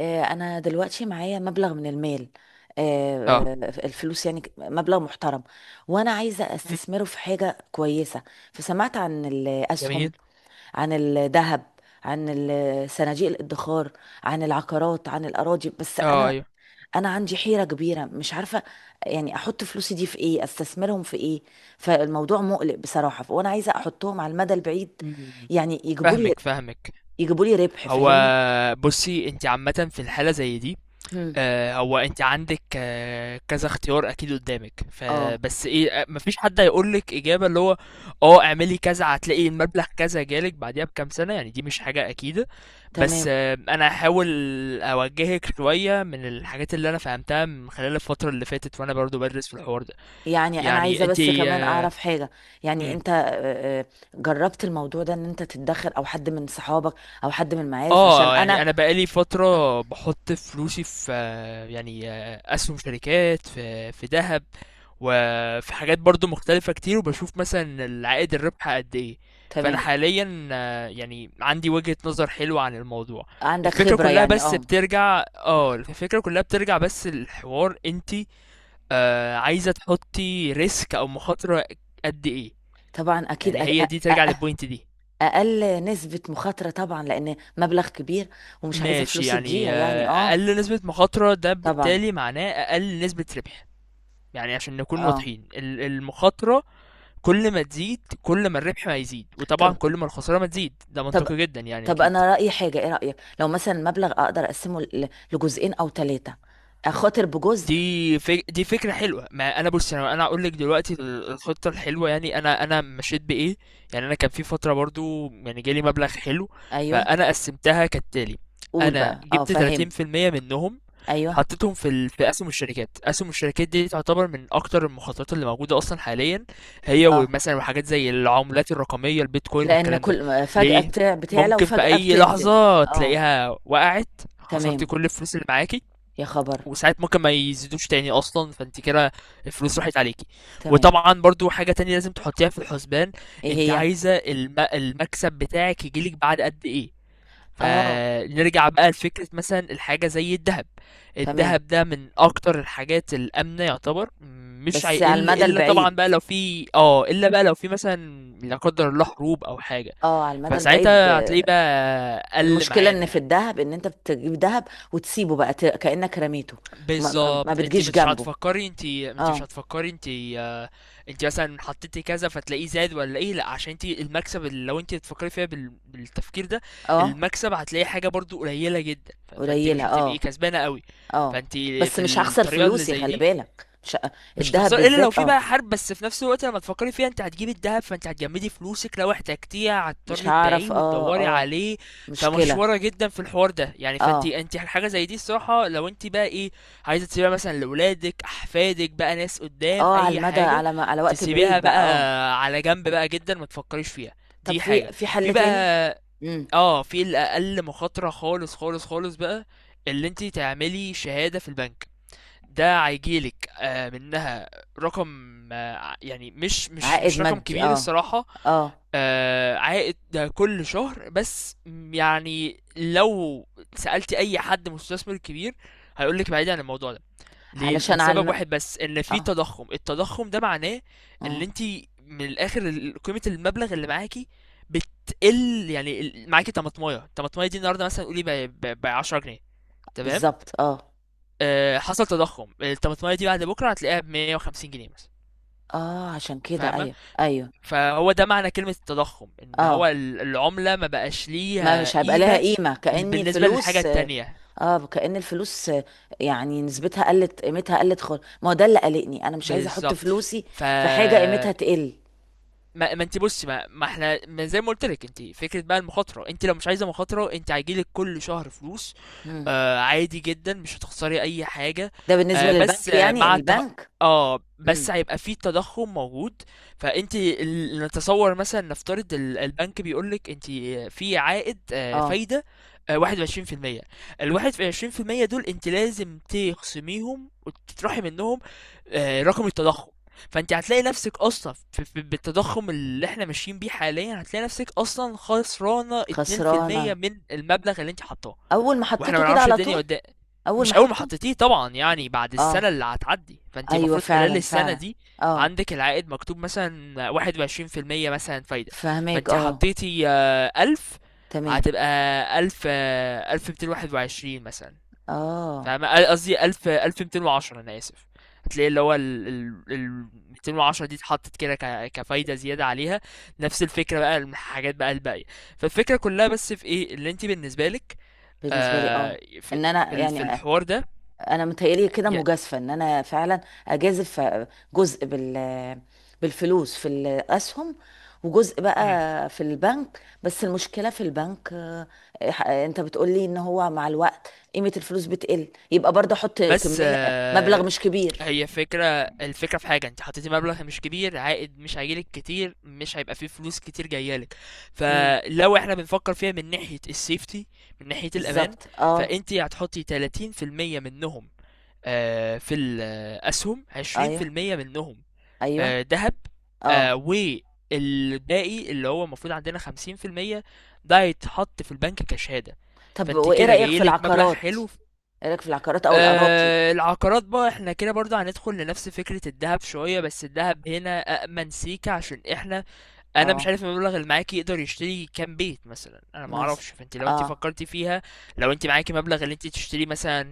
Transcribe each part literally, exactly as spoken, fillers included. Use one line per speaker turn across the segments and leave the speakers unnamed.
آه، انا دلوقتي معايا مبلغ من المال. آه،
آه،
آه، الفلوس يعني ك- مبلغ محترم، وانا عايزه
إمم،
استثمره في حاجه كويسه. فسمعت عن الاسهم،
جميل.
عن الذهب، عن ال- صناديق الادخار، عن العقارات، عن الاراضي. بس
آه،
انا
أيوه.
انا عندي حيره كبيره، مش عارفه يعني احط فلوسي دي في ايه، استثمرهم في ايه. فالموضوع مقلق بصراحه، وانا عايزه احطهم على المدى البعيد،
إمم،
يعني يجيبوا لي
فاهمِك، فاهمِك.
يجيبوا لي ربح،
هو
فاهمني.
بُصّي، أنتِ عامةً في الحالة زي دي،
هم.
آآ، هو أنتِ عندِك آه، كذا اختيار أكيد قدّامِك،
اه.
فبس إيه، أ ما فيش حد هيقول لِك إجابة اللي هو آه، اعملي كذا هتلاقي المبلغ كذا جالِك بعديها بكام سنة، يعني دي مش حاجة أكيدة. بس
تمام.
آه، أنا هاحاول أوجّهِك شوية من الحاجات اللي أنا فهمتها من خلال الفترة اللي فاتت وأنا برضه بادرس في الحوار ده.
يعني انا
يعني
عايزه
أنتِ
بس كمان اعرف حاجه. يعني
إمم.
انت آه، آه، جربت الموضوع ده ان انت تتدخل او حد من صحابك او حد من المعارف؟ عشان
اه يعني
انا.
انا بقالي فتره بحط فلوسي في آه، يعني آه، اسهم شركات في في ذهب وفي حاجات برضو مختلفه كتير، وبشوف مثلا العائد الربح قد ايه. فانا
تمام.
حاليا آه، يعني عندي وجهه نظر حلوه عن الموضوع.
عندك
الفكره
خبره
كلها
يعني،
بس
اه.
بترجع اه الفكره كلها بترجع بس الحوار انتي آه، عايزه تحطي ريسك او مخاطره قد ايه.
طبعا اكيد. أ-
يعني هي
أ-
دي ترجع
أ-
للبوينت دي.
اقل نسبه مخاطره طبعا، لان مبلغ كبير ومش عايزه
ماشي،
فلوسي
يعني
تضيع،
آه،
يعني اه.
اقل نسبة مخاطرة ده
طبعا.
بالتالي معناه اقل نسبة ربح. يعني عشان نكون
اه.
واضحين ال- المخاطرة كل ما تزيد كل ما الربح ما يزيد، وطبعا
طب
كل ما الخسارة ما تزيد، ده
طب
منطقي جدا يعني
طب،
اكيد.
انا رايي حاجه. ايه رايك لو مثلا المبلغ اقدر اقسمه ل- لجزئين او ثلاثه، اخاطر بجزء؟
دي فك... دي فكرة حلوة. ما انا بص، انا انا اقول لك دلوقتي ال- الخطة الحلوة، يعني انا انا مشيت بايه. يعني انا كان في فترة برضو يعني جالي مبلغ حلو،
ايوه،
فانا قسمتها كالتالي.
قول
انا
بقى، اه
جبت
فاهم.
تلاتين في المية منهم،
ايوه.
حطيتهم في ال... في اسهم الشركات. اسهم الشركات دي تعتبر من اكتر المخاطرات اللي موجودة اصلا حاليا، هي
اه،
ومثلا وحاجات زي العملات الرقمية البيتكوين
لان
والكلام ده.
كل فجأة
ليه؟
بتاع بتعلى
ممكن في
وفجأة
اي
بتنزل.
لحظة
اه.
تلاقيها وقعت، خسرتي
تمام.
كل الفلوس اللي معاكي.
يا خبر.
وساعات ممكن ما يزيدوش تاني اصلا، فانت كده الفلوس راحت عليكي.
تمام.
وطبعا برضو حاجة تانية لازم تحطيها في الحسبان،
ايه
انت
هي؟
عايزة الم... المكسب بتاعك يجيلك بعد قد ايه.
اه.
فنرجع بقى لفكرة مثلا الحاجة زي الذهب.
تمام،
الذهب ده من اكتر الحاجات الامنة يعتبر، مش
بس على
هيقل
المدى
الا طبعا
البعيد.
بقى لو في اه الا بقى لو في مثلا لا قدر الله حروب او حاجة،
اه، على المدى البعيد.
فساعتها هتلاقيه
آه،
بقى قل
المشكلة
معانا
ان في
يعني.
الذهب، ان انت بتجيب ذهب وتسيبه بقى، ت- كأنك رميته. ما, ما ما
بالظبط، انت
بتجيش
مش
جنبه.
هتفكري انت انت مش
اه.
هتفكري انت آه، انت مثلا حطيتي كذا فتلاقيه زاد ولا ايه، لا عشان انت المكسب اللي لو انت بتفكري فيها بال... بالتفكير ده
اه.
المكسب هتلاقي حاجه برضو قليله جدا، ف... فانت مش
قليلة،
هتبقي
اه.
كسبانه قوي.
اه.
فانت
بس
في
مش هخسر
الطريقه اللي
فلوسي،
زي
خلي
دي
بالك. مش ه-
مش
الذهب
هتخسر الا لو
بالذات،
في بقى
اه.
حرب، بس في نفس الوقت لما تفكري فيها، انت هتجيبي الذهب فانت هتجمدي فلوسك، لو احتجتيها
مش
هتضطري تبيعيه
هعرف، اه
وتدوري
اه.
عليه. فمشوره
مشكلة.
جدا في الحوار ده يعني. فانت
اه
انت حاجه زي دي الصراحه لو انت بقى ايه عايزه تسيبيها مثلا لاولادك احفادك بقى ناس قدام
اه، على
اي
المدى،
حاجه،
على ما على وقت
تسيبيها
بعيد
بقى
بقى، اه.
على جنب بقى جدا ما تفكريش فيها.
طب
دي
في
حاجه.
في
في
حل تاني؟
بقى
امم.
اه في الاقل مخاطره خالص خالص خالص بقى، اللي انت تعملي شهاده في البنك. ده هيجيلك آه، منها رقم، آه، يعني مش مش
عائد
مش رقم
مادي،
كبير
اه.
الصراحة.
اه.
آه، عائد ده كل شهر، بس م- يعني لو سألت أي حد مستثمر كبير هيقولك بعيد عن الموضوع ده. ليه؟
علشان على
لسبب
الم...
واحد بس، إن في
اه
تضخم. التضخم ده معناه إن
اه
أنت من الآخر ال- قيمة المبلغ اللي معاكي بتقل. يعني ال- معاكي طماطماية، الطماطماية دي النهاردة مثلا قولي ب عشرة جنيه، تمام؟
بالظبط، اه
آه، حصل تضخم، الطماطمايه دي بعد بكره هتلاقيها ب مية وخمسين جنيه مثلا.
اه، عشان كده،
فاهمه؟
ايوه ايوه.
فهو ده معنى كلمه التضخم، ان هو
اه،
ال- العمله ما بقاش
ما
ليها
مش هيبقى لها
قيمه.
قيمة، كأن
بالنسبه للحاجه
الفلوس.
التانية،
اه، كأن الفلوس. آه، يعني نسبتها قلت، قيمتها قلت خالص. ما هو ده اللي قلقني، انا مش عايزة احط
بالظبط.
فلوسي
ف
في حاجة قيمتها تقل.
ما, ما انت بصي، ما, ما احنا ما زي ما قلت لك، انت فكره بقى المخاطره، انت لو مش عايزه مخاطره، انت هيجيلك كل شهر فلوس
مم.
آه، عادي جدا مش هتخسري أي حاجة.
ده بالنسبة
آه، بس
للبنك،
آه
يعني
مع الت...
البنك.
اه بس
مم.
هيبقى فيه تضخم موجود. فانت ال- نتصور مثلا نفترض ال- البنك بيقولك انت في عائد آه،
اه،
فايدة آه، واحد وعشرين في المية. الواحد في عشرين في المية دول انت لازم تخصميهم وتطرحي منهم آه، رقم التضخم. فانت هتلاقي نفسك اصلا في في- بالتضخم اللي احنا ماشيين بيه حاليا، هتلاقي نفسك اصلا خسرانة اتنين في المية
خسرانة.
من المبلغ اللي انت حطاه.
اول ما
واحنا ما
حطيته كده
نعرفش
على
الدنيا
طول.
قدام.
اول ما
مش اول ما
احطه.
حطيتيه طبعا، يعني بعد السنه
اه،
اللي هتعدي، فانت
ايوه
المفروض خلال
فعلا
السنه
فعلا.
دي
اه.
عندك العائد مكتوب مثلا واحد وعشرين في المية مثلا فايدة،
فهميك،
فانت
اه.
حطيتي آه، ألف،
تمام.
هتبقى ألف آه، ألف ميتين واحد وعشرين مثلا.
اه.
فاهمة؟ آه، قصدي ألف ألف ميتين وعشرة، أنا آسف. هتلاقي اللي هو ال ال ال ميتين وعشرة دي اتحطت كده ك- كفايدة زيادة عليها. نفس الفكرة بقى الحاجات بقى الباقية. فالفكرة كلها بس في ايه اللي انت بالنسبة لك
بالنسبه لي، اه.
آه في
ان انا
في ال- في
يعني
الحوار ده.
انا متهيألي كده
يا
مجازفه، ان انا فعلا اجازف جزء بال بالفلوس في الاسهم، وجزء
مم.
بقى في البنك. بس المشكله في البنك، آه، آه، انت بتقولي ان هو مع الوقت قيمه الفلوس بتقل، يبقى برضه احط
بس
كميه
آه،
مبلغ مش كبير.
هي فكرة. الفكرة في حاجة، انت حطيتي مبلغ مش كبير، عائد مش هيجيلك كتير، مش هيبقى فيه فلوس كتير جايالك.
امم.
فلو احنا بنفكر فيها من ناحية السيفتي، من ناحية الأمان،
بالظبط، اه.
فانت هتحطي تلاتين في المية منهم آه في الأسهم،
ايوه
عشرين في المية منهم
ايوه.
آه، دهب، آه،
اه.
والباقي اللي هو المفروض عندنا خمسين في المية ده هيتحط في البنك كشهادة.
طب
فانت
وايه
كده
رأيك في
جايلك مبلغ
العقارات؟
حلو.
ايه رأيك في العقارات او الأراضي؟
آه، العقارات بقى، احنا كده برضه هندخل لنفس فكرة الذهب شوية، بس الذهب هنا أأمن سيكة عشان احنا، انا مش
اه،
عارف المبلغ اللي معاكي يقدر يشتري كام بيت مثلا، انا ما
مثلا.
اعرفش. فانت لو انت
اه،
فكرتي فيها، لو انت معاكي مبلغ اللي انت تشتري مثلا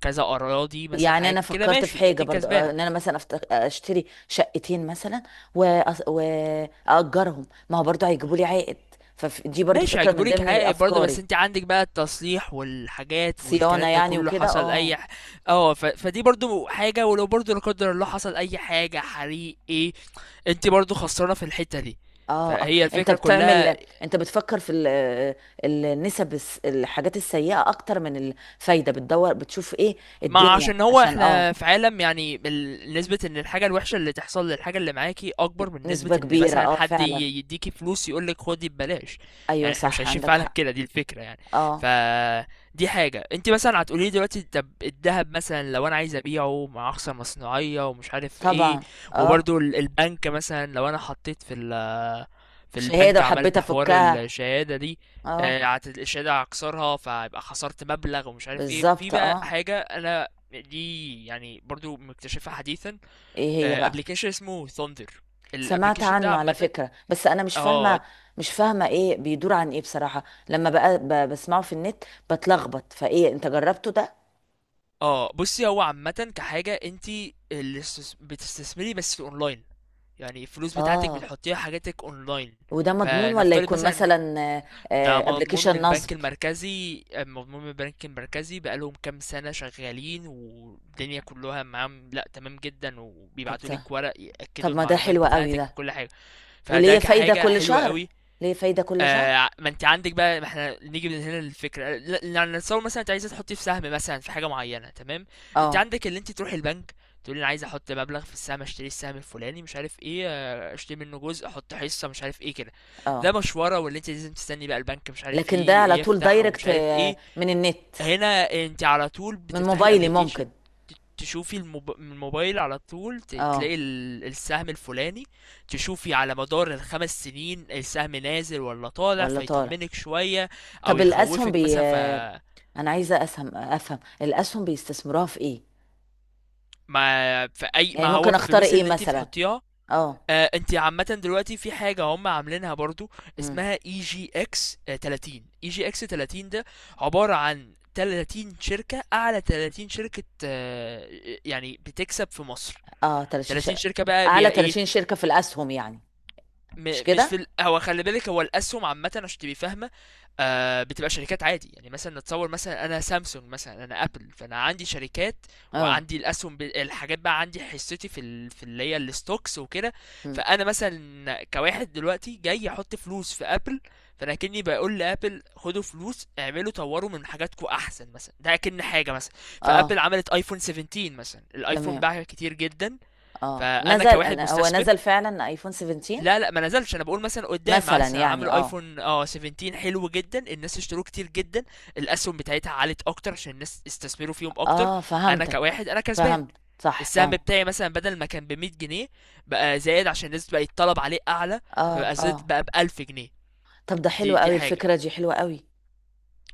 كذا اراضي مثلا
يعني
حاجة
انا
كده،
فكرت في
ماشي، انت
حاجة برضو، آه،
الكسبانة.
ان انا مثلا أفت- آه، اشتري شقتين مثلا، وأص- واجرهم. ما هو برضو هيجيبوا لي عائد. فدي برضو
ماشي
فكرة
هيجيبوا
من
لك
ضمن
عائد برضه، بس
افكاري.
انت عندك بقى التصليح والحاجات
صيانة
والكلام ده
يعني
كله،
وكده،
حصل اي
اه.
ح... اه ف... فدي برضه حاجه، ولو برضه لا قدر الله حصل اي حاجه حريق ايه، انت برضه خسرانه في الحته دي.
اه. اه،
فهي
انت
الفكره
بتعمل.
كلها.
انت بتفكر في ال- النسب، الس- الحاجات السيئة اكتر من الفايدة، بتدور بتشوف ايه
ما
الدنيا،
عشان هو
عشان اه.
احنا في عالم، يعني ال- نسبة ان الحاجة الوحشة اللي تحصل للحاجة اللي معاكي اكبر من نسبة
نسبة
ان
كبيرة،
مثلا
اه
حد ي-
فعلا.
يديكي فلوس يقولك خدي ببلاش،
ايوه
يعني احنا مش
صح،
عايشين في
عندك
عالم
حق.
كده، دي الفكرة يعني. ف
اه.
دي حاجة. انت مثلا هتقولي لي دلوقتي، طب الذهب مثلا لو انا عايز ابيعه، مع اخصى مصنوعية ومش عارف ايه،
طبعا. اه.
وبرضو ال- البنك مثلا لو انا حطيت في ال في
شهاده
البنك،
وحبيت
عملت حوار
افكها.
الشهادة دي
اه.
آه، عت- الشهادة هكسرها فيبقى خسرت مبلغ ومش عارف ايه. في
بالظبط،
بقى
اه.
حاجة انا دي يعني برضو مكتشفها حديثا،
ايه هي بقى؟
ابلكيشن اسمه ثاندر.
سمعت
الابلكيشن ده
عنه على
عامة،
فكره، بس انا مش
اه
فاهمه. مش فاهمه ايه بيدور عن ايه بصراحه. لما بقى ب- بسمعه في النت بتلخبط. فايه، انت جربته ده؟
اه بصي، هو عامة كحاجة انت اللي استس- بتستثمري بس في اونلاين، يعني الفلوس بتاعتك
اه.
بتحطيها حاجاتك اونلاين.
وده مضمون، ولا
فنفترض
يكون
مثلا،
مثلا
ده مضمون من
ابلكيشن
البنك
نصب؟
المركزي، مضمون من البنك المركزي، بقالهم كام سنة شغالين والدنيا كلها معاهم، لا تمام جدا،
طب
وبيبعتوا
ده،
لك ورق
طب
يأكدوا
ما ده
المعلومات
حلو قوي
بتاعتك
ده.
وكل حاجة. فده
وليه فايده
كحاجة
كل
حلوة
شهر؟
قوي.
ليه فايده كل شهر؟
آه، ما انت عندك بقى، ما احنا نيجي من هنا للفكره ل- يعني نتصور مثلا انت عايزه تحطي في سهم مثلا في حاجه معينه، تمام. انت
اه.
عندك اللي انت تروحي البنك تقولي انا عايز احط مبلغ في السهم، اشتري السهم الفلاني مش عارف ايه، آه، اشتري منه جزء، احط حصه مش عارف ايه كده. ده
اه.
مشوره، واللي انت لازم تستني بقى البنك مش عارف
لكن ده على
ايه
طول
يفتح ومش
دايركت،
عارف
آه،
ايه.
من النت،
هنا انت على طول
من
بتفتحي
موبايلي
الابليكيشن،
ممكن.
ت- تشوفي الموب- من الموبايل على طول ت-
اه.
تلاقي ال- السهم الفلاني، تشوفي على مدار الخمس سنين السهم نازل ولا طالع
ولا طالع.
فيطمنك شوية او
طب الاسهم،
يخوفك
بي
مثلا. ف
آه، انا عايزه اسهم، افهم الاسهم بيستثمروها في ايه؟
ما في اي
يعني
ما هو
ممكن اختار
الفلوس
ايه
اللي انت
مثلا؟
بتحطيها
اه.
آه، انت عامة دلوقتي في حاجة هم عاملينها برضو
امم.
اسمها اي جي اكس تلاتين. اي جي اكس تلاتين ده عبارة عن تلاتين شركة، اعلى تلاتين شركة آه، يعني بتكسب في مصر،
اه. ثلاثين ش...
ثلاثين شركة بقى بي
اعلى
ايه.
ثلاثين شركه في الاسهم يعني؟ مش
م مش في ال
كده.
هو خلي بالك، هو الاسهم عامه عشان تبقي فاهمه آه، بتبقى شركات عادي، يعني مثلا نتصور مثلا انا سامسونج مثلا، انا ابل، فانا عندي شركات
اه.
وعندي الاسهم ب- الحاجات بقى، عندي حصتي في ال... في اللي هي الستوكس وكده.
امم.
فانا مثلا كواحد دلوقتي جاي احط فلوس في ابل، فانا كني بقول لابل خدوا فلوس اعملوا طوروا من حاجاتكم احسن مثلا، ده كأن حاجه مثلا. فابل
اه.
عملت ايفون سبعة عشر مثلا، الايفون
تمام.
باع كتير جدا،
اه،
فانا
نزل.
كواحد
أنا- هو
مستثمر.
نزل فعلا ايفون سبعتاشر
لا لا ما نزلش، انا بقول مثلا قدام،
مثلا،
مثلا
يعني
عملوا
اه.
ايفون اه سبعتاشر حلو جدا، الناس اشتروه كتير جدا، الاسهم بتاعتها عالت اكتر عشان الناس استثمروا فيهم اكتر،
اه،
انا
فهمتك.
كواحد انا كسبان.
فهمت. صح
السهم
فهمت.
بتاعي مثلا بدل ما كان ب مائة جنيه، بقى زايد عشان الناس بقى الطلب عليه اعلى،
اه.
فبقى زاد
اه.
بقى ب ألف جنيه.
طب ده
دي
حلو
دي
قوي،
حاجه.
الفكرة دي حلوة قوي.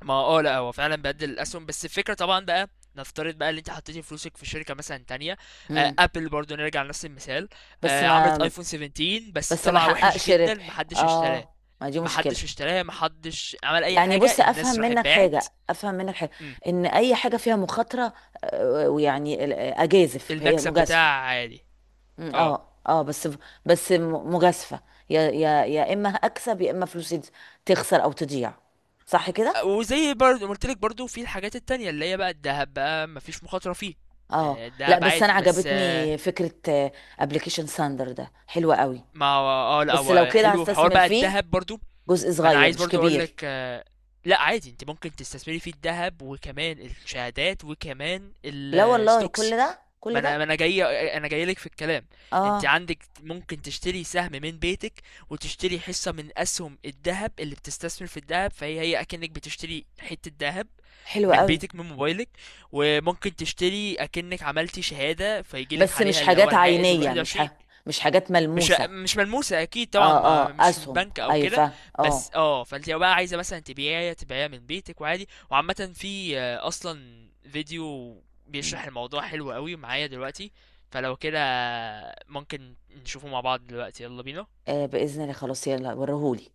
ما اه لا هو فعلا بدل الاسهم، بس الفكره طبعا بقى نفترض بقى اللي انت حطيتي فلوسك في شركه مثلا تانية، آه،
امم.
ابل برضو نرجع لنفس المثال،
بس
آه، عملت
ما،
ايفون سبعتاشر بس
بس ما
طلع وحش
حققش
جدا،
ربح،
محدش اشتراه،
اه. ما دي مشكلة.
محدش اشتراها، محدش عمل اي
يعني
حاجه،
بص، افهم
الناس راحت
منك
باعت.
حاجة افهم منك حاجة.
امم،
ان اي حاجة فيها مخاطرة، آه، ويعني ال- آه، اجازف هي
المكسب
مجازفة.
بتاعها عالي
مم،
اه.
اه اه. بس. بس م- مجازفة. يا يا يا اما اكسب، يا اما فلوسي تز- تخسر او تضيع. صح كده.
وزي برضه قلت لك، برضه في الحاجات التانية اللي هي بقى الذهب بقى مفيش مخاطره فيه
اه.
آه،
لا
الذهب
بس انا
عادي بس آه،
عجبتني فكرة ابلكيشن ساندر ده، حلوة قوي.
ما هو اه لا
بس لو
هو
كده
حلو في حوار
هستثمر
بقى
فيه
الذهب برضو.
جزء
ما انا
صغير
عايز
مش
برضو اقول لك
كبير.
آه، لا عادي انت ممكن تستثمري في الذهب وكمان الشهادات وكمان
لا والله
الستوكس.
كل ده
ما
كل
انا ما
ده.
انا جاي انا جاي لك في الكلام، انت
اه،
عندك ممكن تشتري سهم من بيتك، وتشتري حصة من اسهم الذهب اللي بتستثمر في الذهب، فهي هي اكنك بتشتري حتة ذهب
حلو
من
قوي.
بيتك من موبايلك. وممكن تشتري اكنك عملتي شهادة فيجيلك
بس مش
عليها اللي هو
حاجات
العائد
عينية،
الواحد
مش
وعشرين،
ح... مش حاجات
مش
ملموسة.
مش ملموسة أكيد طبعا،
اه
ما
اه،
مش من
اسهم،
بنك أو
ايوه
كده،
فاهم،
بس
اه.
اه. فانت لو بقى عايزة مثلا تبيعيها، تبيعيها من بيتك وعادي. وعامة في آه، أصلا فيديو
مم.
بيشرح الموضوع حلو قوي معايا دلوقتي، فلو كده ممكن نشوفه مع بعض دلوقتي، يلا بينا.
آه، باذن الله، خلاص يلا، وريهولي.